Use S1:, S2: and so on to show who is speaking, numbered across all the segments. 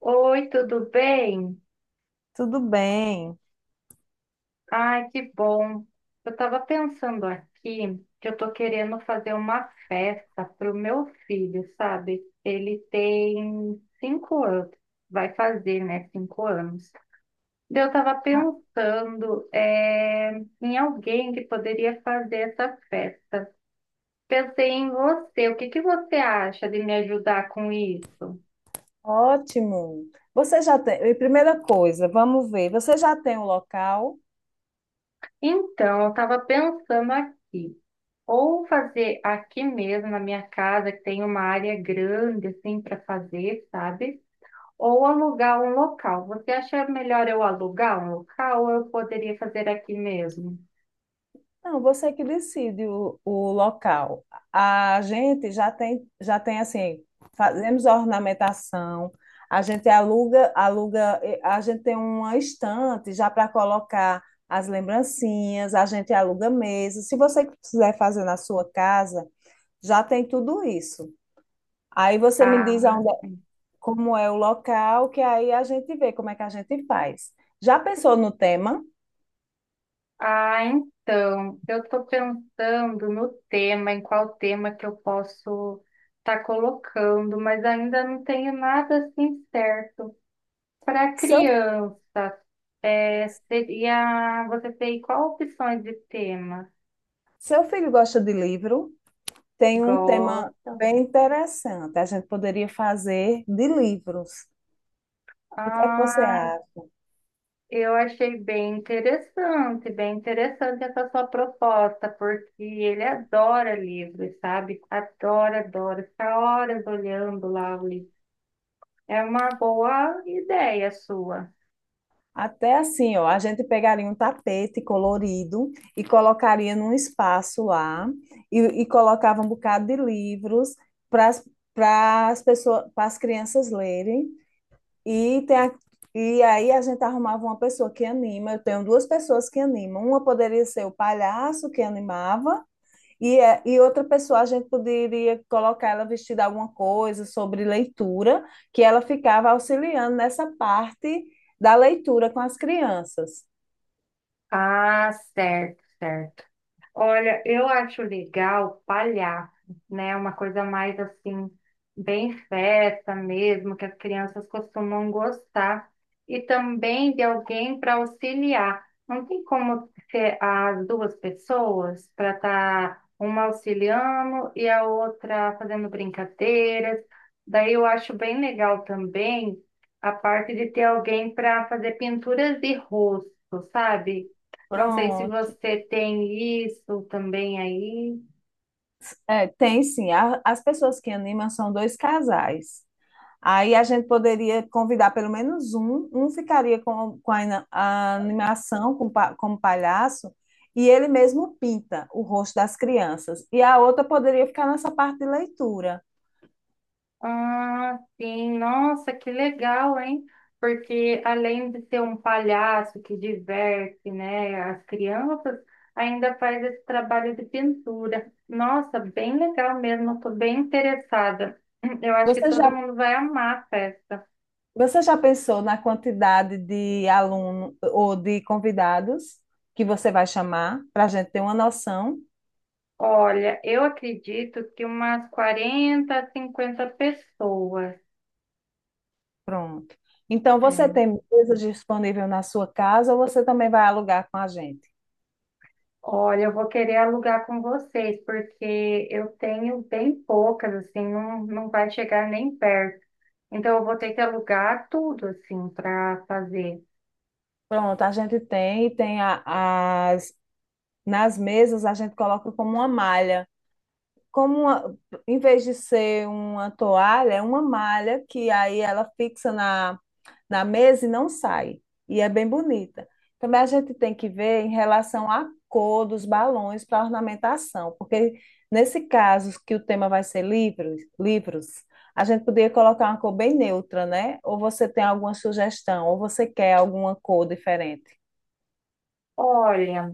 S1: Oi, tudo bem?
S2: Tudo bem.
S1: Ai, que bom. Eu estava pensando aqui que eu estou querendo fazer uma festa para o meu filho, sabe? Ele tem 5 anos, vai fazer, né? 5 anos. Daí eu estava pensando em alguém que poderia fazer essa festa. Pensei em você. O que que você acha de me ajudar com isso?
S2: Ótimo. Você já tem. E Primeira coisa, vamos ver. Você já tem o local?
S1: Então, eu estava pensando aqui. Ou fazer aqui mesmo na minha casa, que tem uma área grande assim para fazer, sabe? Ou alugar um local. Você acha melhor eu alugar um local ou eu poderia fazer aqui mesmo?
S2: Não, você é que decide o local. A gente já tem assim, fazemos a ornamentação, a gente aluga, a gente tem uma estante já para colocar as lembrancinhas, a gente aluga mesa. Se você quiser fazer na sua casa, já tem tudo isso. Aí você me diz
S1: Ah,
S2: aonde,
S1: sim.
S2: como é o local, que aí a gente vê como é que a gente faz. Já pensou no tema?
S1: Ah, então, eu estou pensando no tema, em qual tema que eu posso estar colocando, mas ainda não tenho nada assim certo. Para
S2: Seu,
S1: criança, é, seria, você tem qual opções de tema?
S2: Seu filho gosta de livro, tem um tema
S1: Gosto.
S2: bem interessante. A gente poderia fazer de livros. O que é que você
S1: Ai,
S2: acha?
S1: eu achei bem interessante essa sua proposta, porque ele adora livros, sabe? Adora, adora, fica horas olhando lá o livro. É uma boa ideia sua.
S2: Até assim, ó, a gente pegaria um tapete colorido e colocaria num espaço lá e colocava um bocado de livros para as pessoas, para as crianças lerem. E, tem a- e aí a gente arrumava uma pessoa que anima. Eu tenho duas pessoas que animam. Uma poderia ser o palhaço que animava, e outra pessoa a gente poderia colocar ela vestida alguma coisa sobre leitura, que ela ficava auxiliando nessa parte da leitura com as crianças.
S1: Ah, certo, certo. Olha, eu acho legal palhaço, né? Uma coisa mais assim, bem festa mesmo, que as crianças costumam gostar. E também de alguém para auxiliar. Não tem como ser as duas pessoas para estar uma auxiliando e a outra fazendo brincadeiras. Daí eu acho bem legal também a parte de ter alguém para fazer pinturas de rosto, sabe? Não sei se
S2: Pronto.
S1: você tem isso também aí.
S2: É, tem sim. As pessoas que animam são dois casais. Aí a gente poderia convidar pelo menos um, um ficaria com a animação, como palhaço, e ele mesmo pinta o rosto das crianças. E a outra poderia ficar nessa parte de leitura.
S1: Ah, sim. Nossa, que legal, hein? Porque além de ser um palhaço que diverte, né, as crianças, ainda faz esse trabalho de pintura. Nossa, bem legal mesmo. Estou bem interessada. Eu acho que
S2: Você
S1: todo
S2: já,
S1: mundo vai amar a festa.
S2: Você já pensou na quantidade de aluno ou de convidados que você vai chamar, para a gente ter uma noção?
S1: Olha, eu acredito que umas 40, 50 pessoas.
S2: Pronto. Então, você
S1: É,
S2: tem mesa disponível na sua casa ou você também vai alugar com a gente?
S1: olha, eu vou querer alugar com vocês, porque eu tenho bem poucas, assim, não, não vai chegar nem perto. Então, eu vou ter que alugar tudo, assim, para fazer.
S2: Pronto, a gente tem, e tem a, as nas mesas a gente coloca como uma malha. Como uma- Em vez de ser uma toalha, é uma malha que aí ela fixa na mesa e não sai. E é bem bonita. Também a gente tem que ver em relação à cor dos balões para ornamentação, porque nesse caso que o tema vai ser livros, a gente poderia colocar uma cor bem neutra, né? Ou você tem alguma sugestão, ou você quer alguma cor diferente?
S1: Olha,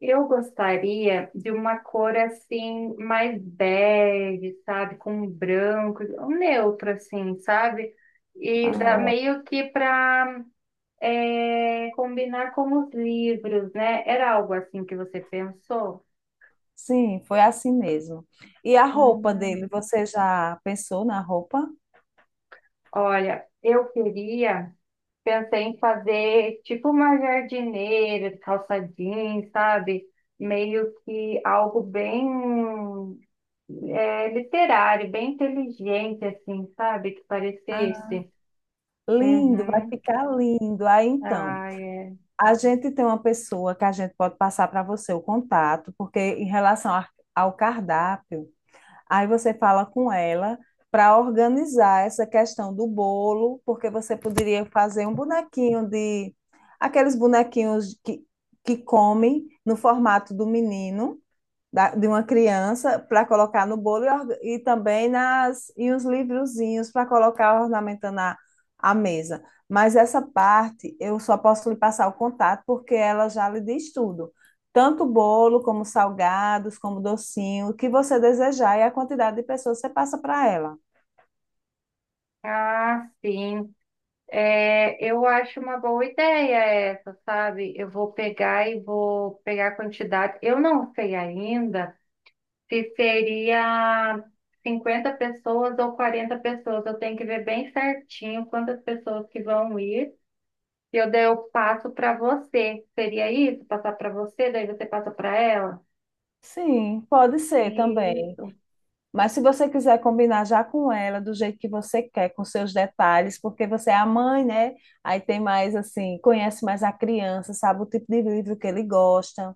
S1: eu gostaria de uma cor, assim, mais bege, sabe? Com branco, um neutro, assim, sabe? E dá
S2: Ah,
S1: meio que para combinar com os livros, né? Era algo assim que você pensou?
S2: Sim, foi assim mesmo. E a roupa
S1: Hum.
S2: dele, você já pensou na roupa?
S1: Olha, eu queria, pensei em fazer tipo uma jardineira, calça jeans, sabe? Meio que algo bem literário, bem inteligente, assim, sabe? Que
S2: Ah,
S1: parecesse.
S2: lindo, vai
S1: Uhum.
S2: ficar lindo. Aí então,
S1: Ah, é.
S2: a gente tem uma pessoa que a gente pode passar para você o contato, porque ao cardápio, aí você fala com ela para organizar essa questão do bolo, porque você poderia fazer um bonequinho de aqueles que comem no formato do menino, de uma criança para colocar no bolo e também nas e os livrozinhos para colocar ornamentando a mesa. Mas essa parte eu só posso lhe passar o contato porque ela já lhe diz tudo. Tanto bolo, como salgados, como docinho, o que você desejar, e a quantidade de pessoas você passa para ela.
S1: Ah, sim. É, eu acho uma boa ideia essa, sabe? Eu vou pegar e vou pegar a quantidade. Eu não sei ainda. Se seria 50 pessoas ou 40 pessoas, eu tenho que ver bem certinho quantas pessoas que vão ir. E eu daí eu passo para você. Seria isso? Passar para você, daí você passa para ela?
S2: Sim, pode ser também.
S1: Isso.
S2: Mas se você quiser combinar já com ela, do jeito que você quer, com seus detalhes, porque você é a mãe, né? Aí tem mais assim, conhece mais a criança, sabe o tipo de livro que ele gosta.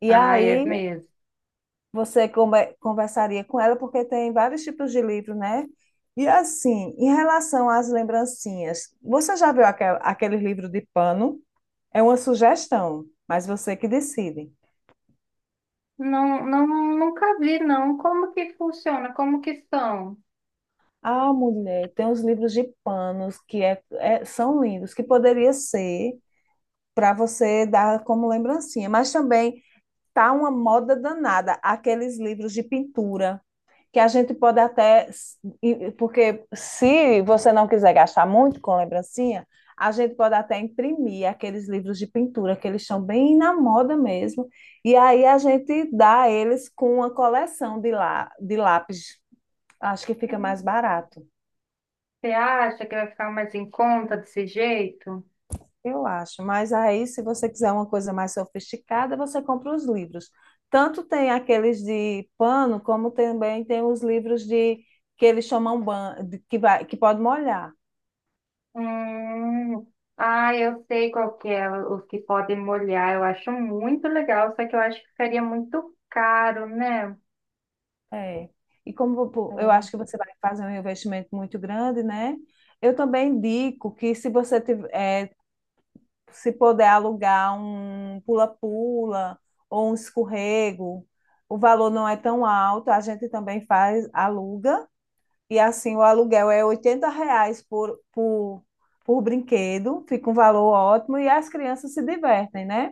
S2: E
S1: Ah, é
S2: aí
S1: mesmo.
S2: você conversaria com ela, porque tem vários tipos de livro, né? E assim, em relação às lembrancinhas, você já viu aquele livro de pano? É uma sugestão, mas você que decide.
S1: Não, não, nunca vi, não. Como que funciona? Como que são?
S2: Ah, mulher, tem os livros de panos que são lindos, que poderia ser para você dar como lembrancinha. Mas também tá uma moda danada aqueles livros de pintura que a gente pode até, porque se você não quiser gastar muito com lembrancinha, a gente pode até imprimir aqueles livros de pintura que eles estão bem na moda mesmo, e aí a gente dá eles com uma coleção de lá de lápis. Acho que fica mais barato.
S1: Você acha que vai ficar mais em conta desse jeito?
S2: Eu acho, mas aí, se você quiser uma coisa mais sofisticada, você compra os livros. Tanto tem aqueles de pano, como também tem os livros de que eles chamam ban, que vai, que pode molhar.
S1: Hum, ah, eu sei qual que é, os que podem molhar. Eu acho muito legal, só que eu acho que ficaria muito caro, né?
S2: É. E como pô, eu acho
S1: É.
S2: que você vai fazer um investimento muito grande, né? Eu também indico que se você tiver, é, se puder alugar um pula-pula ou um escorrego, o valor não é tão alto, a gente também faz, aluga. E assim, o aluguel é R$ 80 por brinquedo, fica um valor ótimo e as crianças se divertem, né?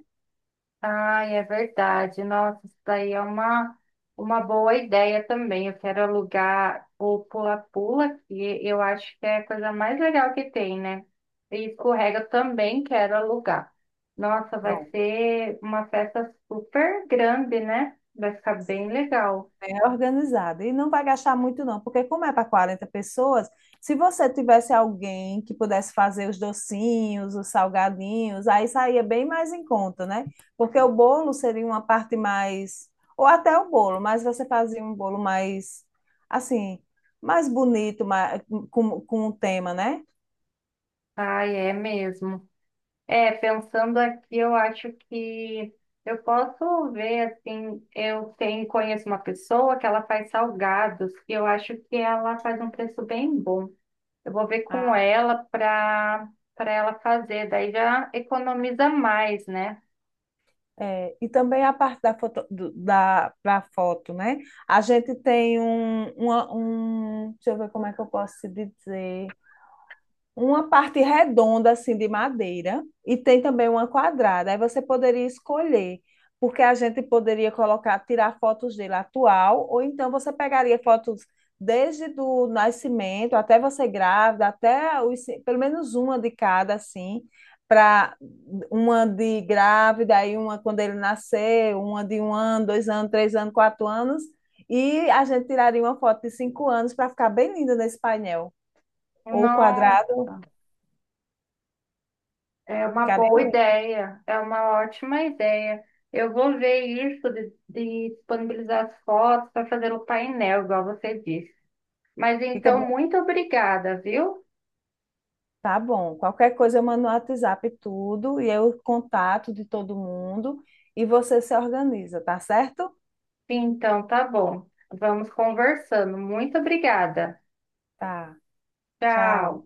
S1: Ai, é verdade. Nossa, isso daí é uma boa ideia também. Eu quero alugar o pula-pula, que eu acho que é a coisa mais legal que tem, né? E escorrega eu também quero alugar. Nossa, vai
S2: Pronto,
S1: ser uma festa super grande, né? Vai ficar bem legal.
S2: bem organizado. E não vai gastar muito, não, porque como é para 40 pessoas, se você tivesse alguém que pudesse fazer os docinhos, os salgadinhos, aí saía bem mais em conta, né? Porque o bolo seria uma parte mais. Ou até o bolo, mas você fazia um bolo mais, assim, mais bonito, mais, com um tema, né?
S1: Ai, é mesmo. É, pensando aqui, eu acho que eu posso ver, assim, eu tenho, conheço uma pessoa que ela faz salgados e eu acho que ela faz um preço bem bom. Eu vou ver com ela para ela fazer, daí já economiza mais, né?
S2: É, e também a parte da foto, da foto, né? A gente tem um, deixa eu ver como é que eu posso te dizer. Uma parte redonda, assim, de madeira, e tem também uma quadrada. Aí você poderia escolher, porque a gente poderia colocar, tirar fotos dele atual, ou então você pegaria fotos desde do nascimento até você grávida, até pelo menos uma de cada, assim, para uma de grávida, aí uma quando ele nascer, uma de 1 ano, 2 anos, 3 anos, 4 anos, e a gente tiraria uma foto de 5 anos para ficar bem linda nesse painel, ou
S1: Não,
S2: quadrado.
S1: é uma
S2: Ficaria
S1: boa
S2: lindo.
S1: ideia, é uma ótima ideia. Eu vou ver isso de disponibilizar as fotos para fazer o painel, igual você disse. Mas
S2: Fica
S1: então,
S2: bem.
S1: muito obrigada, viu?
S2: Tá bom. Qualquer coisa eu mando no WhatsApp tudo e eu contato de todo mundo e você se organiza, tá certo?
S1: Então, tá bom. Vamos conversando. Muito obrigada.
S2: Tá. Tchau.
S1: Tchau.